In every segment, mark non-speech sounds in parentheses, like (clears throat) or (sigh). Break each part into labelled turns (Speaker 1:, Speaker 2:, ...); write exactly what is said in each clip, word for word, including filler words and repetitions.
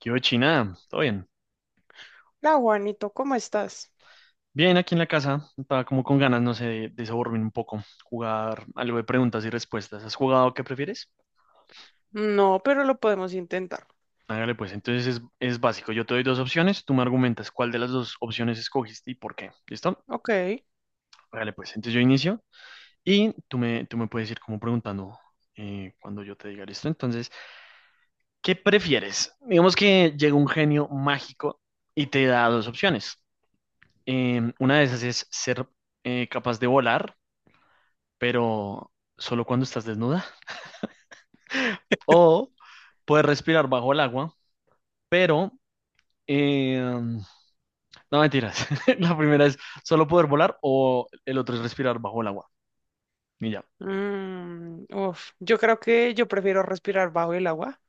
Speaker 1: ¿Qué hubo, China? ¿Todo bien?
Speaker 2: La Juanito, ¿cómo estás?
Speaker 1: Bien, aquí en la casa. Estaba como con ganas, no sé, de, de sobornarme un poco, jugar algo de preguntas y respuestas. ¿Has jugado qué prefieres?
Speaker 2: No, pero lo podemos intentar.
Speaker 1: Hágale pues, entonces es, es básico. Yo te doy dos opciones, tú me argumentas cuál de las dos opciones escogiste y por qué. ¿Listo?
Speaker 2: Ok.
Speaker 1: Hágale pues, entonces yo inicio y tú me, tú me puedes ir como preguntando, eh, cuando yo te diga, ¿listo? Entonces, ¿qué prefieres? Digamos que llega un genio mágico y te da dos opciones. Em, una de esas es ser eh, capaz de volar, pero solo cuando estás desnuda. O puedes respirar bajo el agua, pero... eh, no, mentiras. (laughs) La primera es solo poder volar o el otro es respirar bajo el agua. Y ya.
Speaker 2: Mm, uf, Yo creo que yo prefiero respirar bajo el agua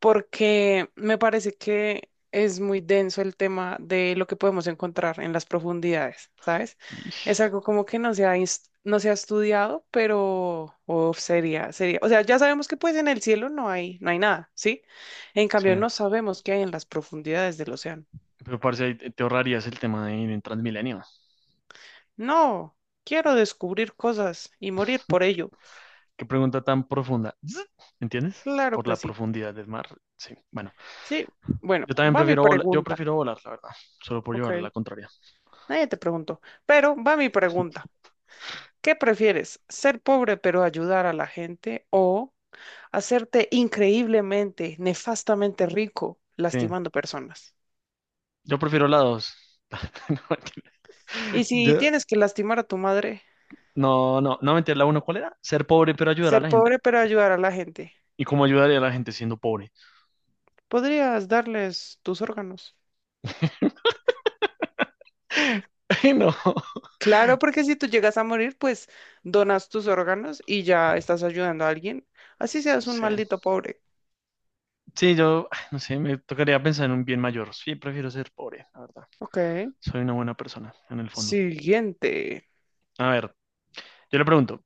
Speaker 2: porque me parece que es muy denso el tema de lo que podemos encontrar en las profundidades, ¿sabes? Es
Speaker 1: Ish,
Speaker 2: algo como que no se ha, ins- no se ha estudiado, pero uf, sería, sería. O sea, ya sabemos que pues en el cielo no hay, no hay nada, ¿sí? En
Speaker 1: sí.
Speaker 2: cambio, no sabemos qué hay en las profundidades del océano.
Speaker 1: Pero parce, ahí te te ahorrarías el tema de ir en Transmilenio.
Speaker 2: No, quiero descubrir cosas y morir por ello.
Speaker 1: Qué pregunta tan profunda. Zzz, ¿entiendes?
Speaker 2: Claro
Speaker 1: Por
Speaker 2: que
Speaker 1: la
Speaker 2: sí.
Speaker 1: profundidad del mar. Sí. Bueno,
Speaker 2: Sí, bueno,
Speaker 1: yo también
Speaker 2: va mi
Speaker 1: prefiero volar. Yo
Speaker 2: pregunta.
Speaker 1: prefiero volar, la verdad. Solo por
Speaker 2: Ok,
Speaker 1: llevar la contraria.
Speaker 2: nadie te preguntó, pero va mi pregunta. ¿Qué prefieres? ¿Ser pobre pero ayudar a la gente o hacerte increíblemente, nefastamente rico
Speaker 1: Sí.
Speaker 2: lastimando personas?
Speaker 1: Yo prefiero la dos. (laughs) No, mentira.
Speaker 2: Y si
Speaker 1: Yo,
Speaker 2: tienes que lastimar a tu madre,
Speaker 1: no, no, no meter la uno, ¿cuál era? Ser pobre pero ayudar a
Speaker 2: ser
Speaker 1: la gente.
Speaker 2: pobre pero ayudar a la gente,
Speaker 1: ¿Y cómo ayudaría a la gente siendo pobre?
Speaker 2: podrías darles tus órganos.
Speaker 1: (laughs) Ay, no,
Speaker 2: Claro, porque si tú llegas a morir, pues donas tus órganos y ya estás ayudando a alguien. Así
Speaker 1: no
Speaker 2: seas un
Speaker 1: sé.
Speaker 2: maldito pobre.
Speaker 1: Sí, yo, ay, no sé, me tocaría pensar en un bien mayor. Sí, prefiero ser pobre, la verdad.
Speaker 2: Ok.
Speaker 1: Soy una buena persona, en el fondo.
Speaker 2: Siguiente.
Speaker 1: A ver, yo le pregunto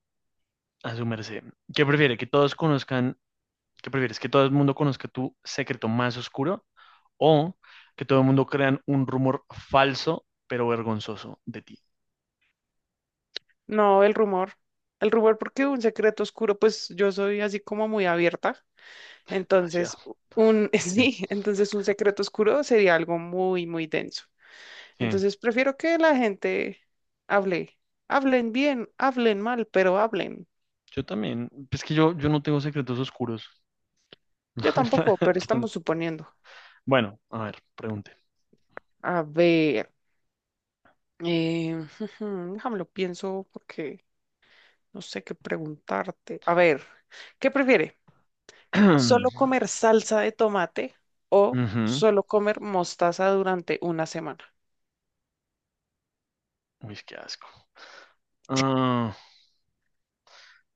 Speaker 1: a su merced, ¿qué prefiere? ¿Que todos conozcan, qué prefieres? ¿Que todo el mundo conozca tu secreto más oscuro o que todo el mundo crean un rumor falso pero vergonzoso de ti?
Speaker 2: No, el rumor. El rumor, porque un secreto oscuro, pues yo soy así como muy abierta.
Speaker 1: Demasiado.
Speaker 2: Entonces, u- un, (laughs)
Speaker 1: Sí,
Speaker 2: sí, entonces un secreto oscuro sería algo muy, muy denso.
Speaker 1: sí.
Speaker 2: Entonces, prefiero que la gente hable. Hablen bien, hablen mal, pero hablen.
Speaker 1: Yo también. Es que yo, yo no tengo secretos oscuros. (laughs)
Speaker 2: Yo
Speaker 1: La verdad.
Speaker 2: tampoco, pero
Speaker 1: Entonces,
Speaker 2: estamos suponiendo.
Speaker 1: bueno, a ver, pregunte.
Speaker 2: A ver. Eh, (laughs) déjame lo pienso porque no sé qué preguntarte. A ver, ¿qué prefiere? ¿Solo
Speaker 1: (clears throat)
Speaker 2: comer salsa de tomate o
Speaker 1: Ujú.
Speaker 2: solo comer mostaza durante una semana?
Speaker 1: Uy, qué asco. Ah,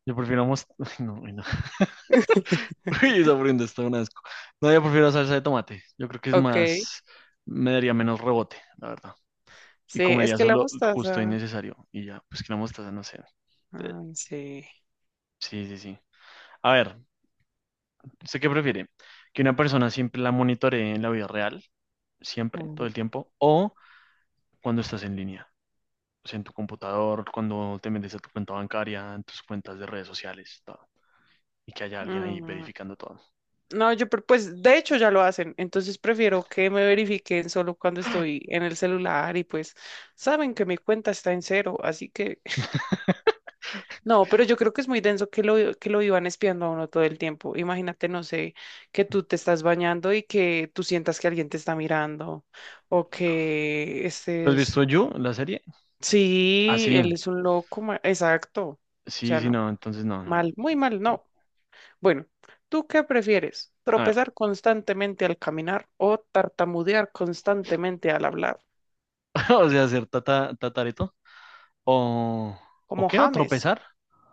Speaker 1: yo prefiero mos- (laughs) ay, no, uy, no. (laughs)
Speaker 2: (laughs)
Speaker 1: Uy, esa prenda está un asco. No, yo prefiero salsa de tomate. Yo creo que es
Speaker 2: Ok,
Speaker 1: más, me daría menos rebote, la verdad. Y
Speaker 2: sí, es
Speaker 1: comería
Speaker 2: que la
Speaker 1: solo justo y
Speaker 2: mostaza.
Speaker 1: necesario. Y ya, pues que la mostaza, no sé. Eh,
Speaker 2: Ay, sí.
Speaker 1: Sí, sí, sí. A ver, ¿usted qué prefiere? ¿Que una persona siempre la monitoree en la vida real? Siempre, todo el
Speaker 2: uf,
Speaker 1: tiempo. ¿O cuando estás en línea? O sea, en tu computador, cuando te metes a tu cuenta bancaria, en tus cuentas de redes sociales, todo, y que haya alguien ahí
Speaker 2: mm,
Speaker 1: verificando todo.
Speaker 2: No, yo, pre- pues de hecho ya lo hacen, entonces prefiero que me verifiquen solo cuando estoy en el celular y pues saben que mi cuenta está en cero, así que
Speaker 1: (laughs)
Speaker 2: no, pero yo creo que es muy denso que lo, que lo iban espiando a uno todo el tiempo. Imagínate, no sé, que tú te estás bañando y que tú sientas que alguien te está mirando o
Speaker 1: Rico.
Speaker 2: que
Speaker 1: ¿Tú has
Speaker 2: estés...
Speaker 1: visto You, la serie? Ah,
Speaker 2: Sí,
Speaker 1: sí,
Speaker 2: él es un loco, ma- exacto. O
Speaker 1: sí,
Speaker 2: sea,
Speaker 1: sí,
Speaker 2: no,
Speaker 1: no, entonces no, no, no.
Speaker 2: mal, muy
Speaker 1: Yo-
Speaker 2: mal, no. Bueno, ¿tú qué prefieres?
Speaker 1: A ver,
Speaker 2: ¿Tropezar constantemente al caminar o tartamudear constantemente al hablar?
Speaker 1: (laughs) o sea, ser tata, tatareto o, ¿o
Speaker 2: Como
Speaker 1: qué? ¿O
Speaker 2: James,
Speaker 1: tropezar?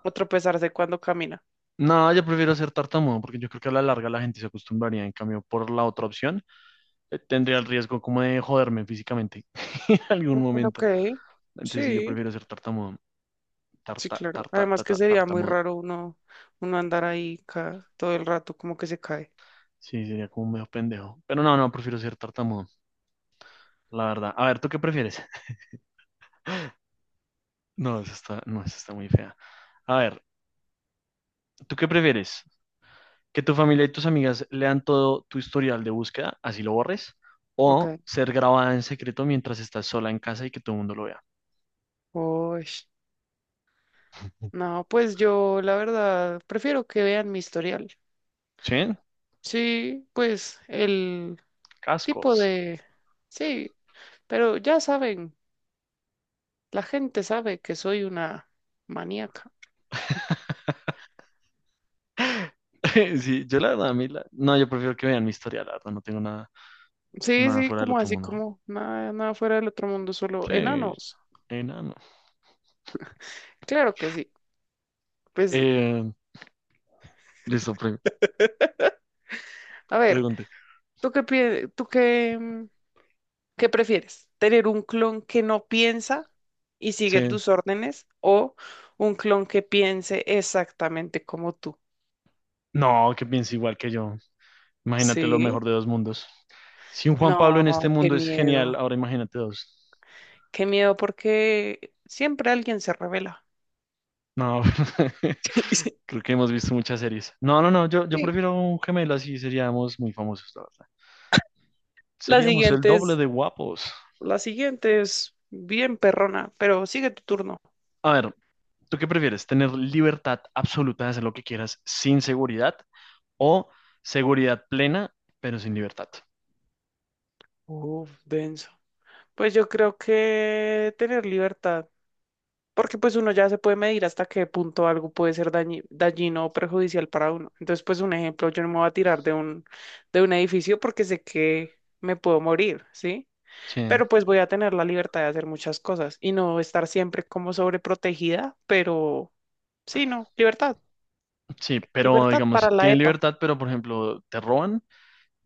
Speaker 2: o tropezarse cuando camina.
Speaker 1: No, yo prefiero ser tartamudo porque yo creo que a la larga la gente se acostumbraría. En cambio, por la otra opción, eh, tendría el riesgo como de joderme físicamente (laughs) en algún
Speaker 2: Mm, Ok,
Speaker 1: momento. Entonces, sí, yo
Speaker 2: sí.
Speaker 1: prefiero ser tartamudo.
Speaker 2: Sí,
Speaker 1: Tarta,
Speaker 2: claro.
Speaker 1: tarta,
Speaker 2: Además que
Speaker 1: tata-
Speaker 2: sería muy
Speaker 1: tartamudo.
Speaker 2: raro uno, uno andar ahí ca- todo el rato como que se cae.
Speaker 1: Sí, sería como medio pendejo. Pero no, no, prefiero ser tartamudo, la verdad. A ver, ¿tú qué prefieres? (laughs) No, esa está, no, esa está muy fea. A ver, ¿tú qué prefieres? ¿Que tu familia y tus amigas lean todo tu historial de búsqueda, así lo borres?
Speaker 2: Ok.
Speaker 1: ¿O ser grabada en secreto mientras estás sola en casa y que todo el mundo lo vea?
Speaker 2: Uy, no, pues yo la verdad prefiero que vean mi historial.
Speaker 1: ¿Sí?
Speaker 2: Sí, pues el tipo
Speaker 1: Cascos.
Speaker 2: de... Sí, pero ya saben, la gente sabe que soy una maníaca.
Speaker 1: (laughs) Sí, yo la verdad, a mí la- No, yo prefiero que vean mi historia, la verdad, no tengo nada,
Speaker 2: Sí,
Speaker 1: nada
Speaker 2: sí,
Speaker 1: fuera del
Speaker 2: como
Speaker 1: otro
Speaker 2: así,
Speaker 1: mundo.
Speaker 2: como nada, nada fuera del otro mundo, solo
Speaker 1: Sí,
Speaker 2: enanos.
Speaker 1: enano.
Speaker 2: Claro que sí. Pues,
Speaker 1: Eh, Listo, pre-
Speaker 2: a ver,
Speaker 1: pregunte.
Speaker 2: ¿tú qué piensas? ¿Tú qué? ¿Qué prefieres? ¿Tener un clon que no piensa y sigue
Speaker 1: Sí,
Speaker 2: tus órdenes o un clon que piense exactamente como tú?
Speaker 1: no, que piense igual que yo. Imagínate lo
Speaker 2: Sí.
Speaker 1: mejor de dos mundos. Si un Juan Pablo en
Speaker 2: No,
Speaker 1: este
Speaker 2: qué
Speaker 1: mundo es genial,
Speaker 2: miedo.
Speaker 1: ahora imagínate dos.
Speaker 2: Qué miedo porque siempre alguien se revela.
Speaker 1: No, (laughs)
Speaker 2: (laughs)
Speaker 1: creo que hemos visto muchas series. No, no, no, yo, yo
Speaker 2: Sí.
Speaker 1: prefiero un gemelo así, seríamos muy famosos, la verdad.
Speaker 2: La
Speaker 1: Seríamos el
Speaker 2: siguiente
Speaker 1: doble
Speaker 2: es,
Speaker 1: de guapos.
Speaker 2: la siguiente es bien perrona, pero sigue tu turno.
Speaker 1: A ver, ¿tú qué prefieres? ¿Tener libertad absoluta de hacer lo que quieras sin seguridad o seguridad plena, pero sin libertad?
Speaker 2: Uf, denso. Pues yo creo que tener libertad, porque pues uno ya se puede medir hasta qué punto algo puede ser dañi- dañino o perjudicial para uno. Entonces, pues un ejemplo, yo no me voy a tirar de un, de un edificio porque sé que me puedo morir, ¿sí?
Speaker 1: Sí,
Speaker 2: Pero pues voy a tener la libertad de hacer muchas cosas y no estar siempre como sobreprotegida, pero sí, no, libertad,
Speaker 1: sí, pero
Speaker 2: libertad para
Speaker 1: digamos,
Speaker 2: la
Speaker 1: tienen
Speaker 2: EPA.
Speaker 1: libertad, pero por ejemplo, te roban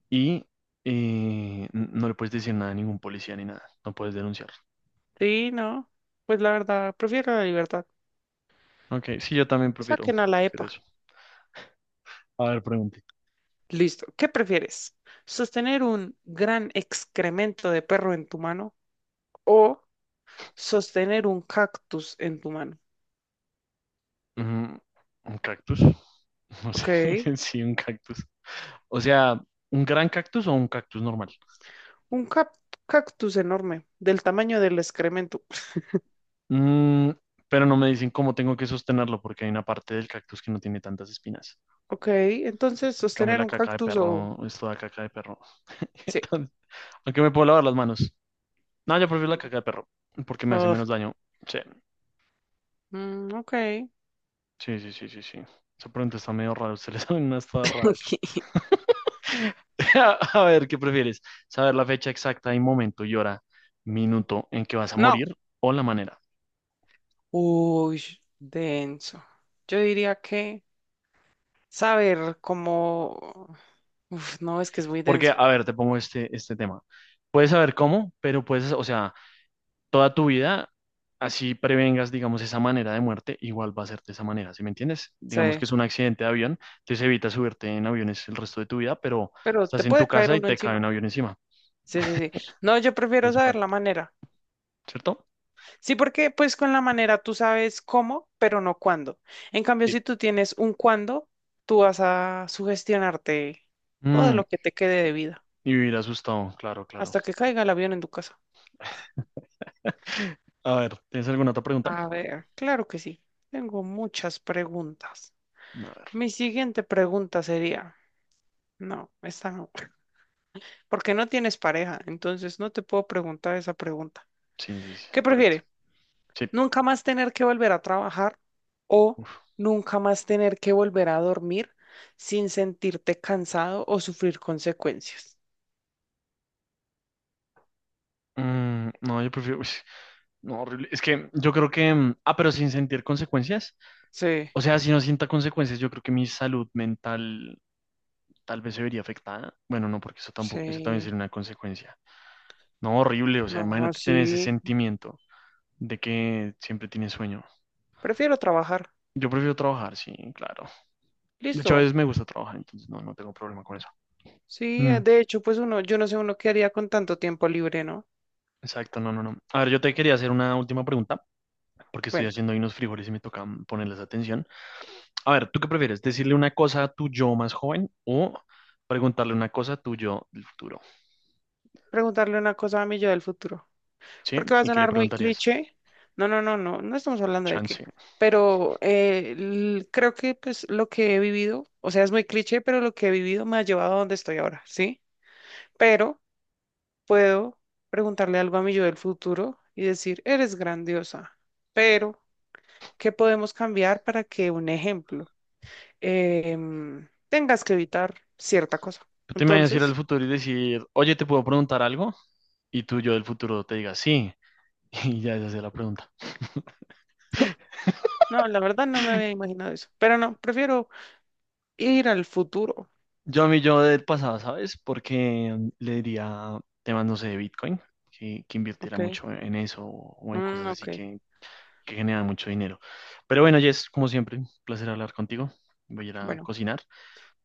Speaker 1: y eh, n- no le puedes decir nada a ningún policía ni nada, no puedes denunciar.
Speaker 2: Sí, no, pues la verdad, prefiero la libertad.
Speaker 1: Ok, sí, yo también prefiero,
Speaker 2: Saquen a la
Speaker 1: prefiero
Speaker 2: EPA.
Speaker 1: eso. A ver, pregunte.
Speaker 2: Listo. ¿Qué prefieres? ¿Sostener un gran excremento de perro en tu mano o sostener un cactus en tu mano?
Speaker 1: Mm, ¿un cactus? (laughs) No sé,
Speaker 2: Ok.
Speaker 1: (laughs) sí, un cactus. O sea, ¿un gran cactus o un cactus normal?
Speaker 2: Un cap- cactus enorme, del tamaño del excremento.
Speaker 1: Mm, pero no me dicen cómo tengo que sostenerlo porque hay una parte del cactus que no tiene tantas espinas.
Speaker 2: Ok. Entonces,
Speaker 1: En cambio
Speaker 2: sostener
Speaker 1: la
Speaker 2: un
Speaker 1: caca de
Speaker 2: cactus o...
Speaker 1: perro, es toda caca de perro. (laughs)
Speaker 2: Sí.
Speaker 1: Entonces, aunque me puedo lavar las manos. No, yo prefiero la caca de perro porque me hace
Speaker 2: Ugh.
Speaker 1: menos daño. Sí.
Speaker 2: Mm, ok.
Speaker 1: Sí, sí, sí, sí, sí. Esa pregunta está medio rara. Ustedes saben (laughs) unas todas raras.
Speaker 2: (laughs)
Speaker 1: (laughs) A ver, ¿qué prefieres? ¿Saber la fecha exacta y momento y hora, minuto en que vas a
Speaker 2: No.
Speaker 1: morir o la manera?
Speaker 2: Uy, denso. Yo diría que saber cómo... Uf, no, es que es muy
Speaker 1: Porque,
Speaker 2: denso.
Speaker 1: a ver, te pongo este, este tema. Puedes saber cómo, pero puedes, o sea, toda tu vida, así prevengas, digamos, esa manera de muerte, igual va a ser de esa manera, ¿sí me entiendes?
Speaker 2: Sí.
Speaker 1: Digamos que es un accidente de avión, entonces evitas subirte en aviones el resto de tu vida, pero
Speaker 2: Pero
Speaker 1: estás
Speaker 2: te
Speaker 1: en tu
Speaker 2: puede caer
Speaker 1: casa y
Speaker 2: uno
Speaker 1: te cae un
Speaker 2: encima.
Speaker 1: avión encima.
Speaker 2: Sí, sí, sí. No, yo prefiero
Speaker 1: Es
Speaker 2: saber
Speaker 1: cual.
Speaker 2: la manera.
Speaker 1: ¿Cierto?
Speaker 2: Sí, porque pues con la manera tú sabes cómo, pero no cuándo. En cambio,
Speaker 1: Sí.
Speaker 2: si tú tienes un cuándo, tú vas a sugestionarte todo
Speaker 1: Mm,
Speaker 2: lo que te quede de vida
Speaker 1: y vivir asustado, claro, claro.
Speaker 2: hasta que caiga el avión en tu casa.
Speaker 1: A ver, ¿tienes alguna otra pregunta?
Speaker 2: A ver, claro que sí. Tengo muchas preguntas.
Speaker 1: A ver,
Speaker 2: Mi siguiente pregunta sería, no, esta no, porque no tienes pareja, entonces no te puedo preguntar esa pregunta.
Speaker 1: sí, sí, sí,
Speaker 2: ¿Qué
Speaker 1: correcto.
Speaker 2: prefieres?
Speaker 1: Sí.
Speaker 2: Nunca más tener que volver a trabajar o nunca más tener que volver a dormir sin sentirte cansado o sufrir consecuencias.
Speaker 1: Mm, no, yo prefiero... uy, no, horrible. Es que yo creo que... mm, ah, pero sin sentir consecuencias.
Speaker 2: Sí,
Speaker 1: O sea, si no sienta consecuencias, yo creo que mi salud mental tal vez se vería afectada. Bueno, no, porque eso tampoco, eso también
Speaker 2: sí,
Speaker 1: sería una consecuencia. No, horrible. O sea,
Speaker 2: no,
Speaker 1: imagínate tener ese
Speaker 2: sí,
Speaker 1: sentimiento de que siempre tienes sueño.
Speaker 2: prefiero trabajar.
Speaker 1: Yo prefiero trabajar, sí, claro. De hecho, a
Speaker 2: Listo.
Speaker 1: veces me gusta trabajar, entonces no, no tengo problema con eso.
Speaker 2: Sí,
Speaker 1: Mm.
Speaker 2: eh, de hecho, pues uno, yo no sé uno qué haría con tanto tiempo libre, ¿no?
Speaker 1: Exacto, no, no, no. A ver, yo te quería hacer una última pregunta, porque estoy
Speaker 2: Bueno,
Speaker 1: haciendo ahí unos frijoles y me toca ponerles atención. A ver, ¿tú qué prefieres? ¿Decirle una cosa a tu yo más joven o preguntarle una cosa a tu yo del futuro?
Speaker 2: preguntarle una cosa a mi yo del futuro,
Speaker 1: ¿Sí?
Speaker 2: porque va a
Speaker 1: ¿Y qué le
Speaker 2: sonar muy
Speaker 1: preguntarías?
Speaker 2: cliché. No, no, no, no, no estamos hablando de
Speaker 1: Chance.
Speaker 2: qué. Pero eh, l- creo que pues lo que he vivido, o sea, es muy cliché, pero lo que he vivido me ha llevado a donde estoy ahora, ¿sí? Pero puedo preguntarle algo a mi yo del futuro y decir, eres grandiosa, pero ¿qué podemos cambiar para que, un ejemplo, em, tengas que evitar cierta cosa?
Speaker 1: Tú te imaginas ir al
Speaker 2: Entonces,
Speaker 1: futuro y decir, oye, ¿te puedo preguntar algo? Y tu yo del futuro te diga, sí. (laughs) Y ya esa es la pregunta.
Speaker 2: no, la verdad no me había imaginado eso, pero no, prefiero ir al futuro,
Speaker 1: Yo a mi yo del pasado, ¿sabes? Porque mm, le diría temas, no sé, de Bitcoin, que, que invirtiera
Speaker 2: ¿ok?
Speaker 1: mucho en eso o en
Speaker 2: Mm,
Speaker 1: cosas así
Speaker 2: ok.
Speaker 1: que que generan mucho dinero. Pero bueno, Jess, como siempre, un placer hablar contigo. Voy a ir a
Speaker 2: Bueno,
Speaker 1: cocinar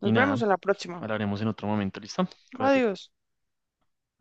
Speaker 1: y
Speaker 2: nos
Speaker 1: nada,
Speaker 2: vemos en la próxima.
Speaker 1: hablaremos en otro momento, ¿listo? Cuídate.
Speaker 2: Adiós.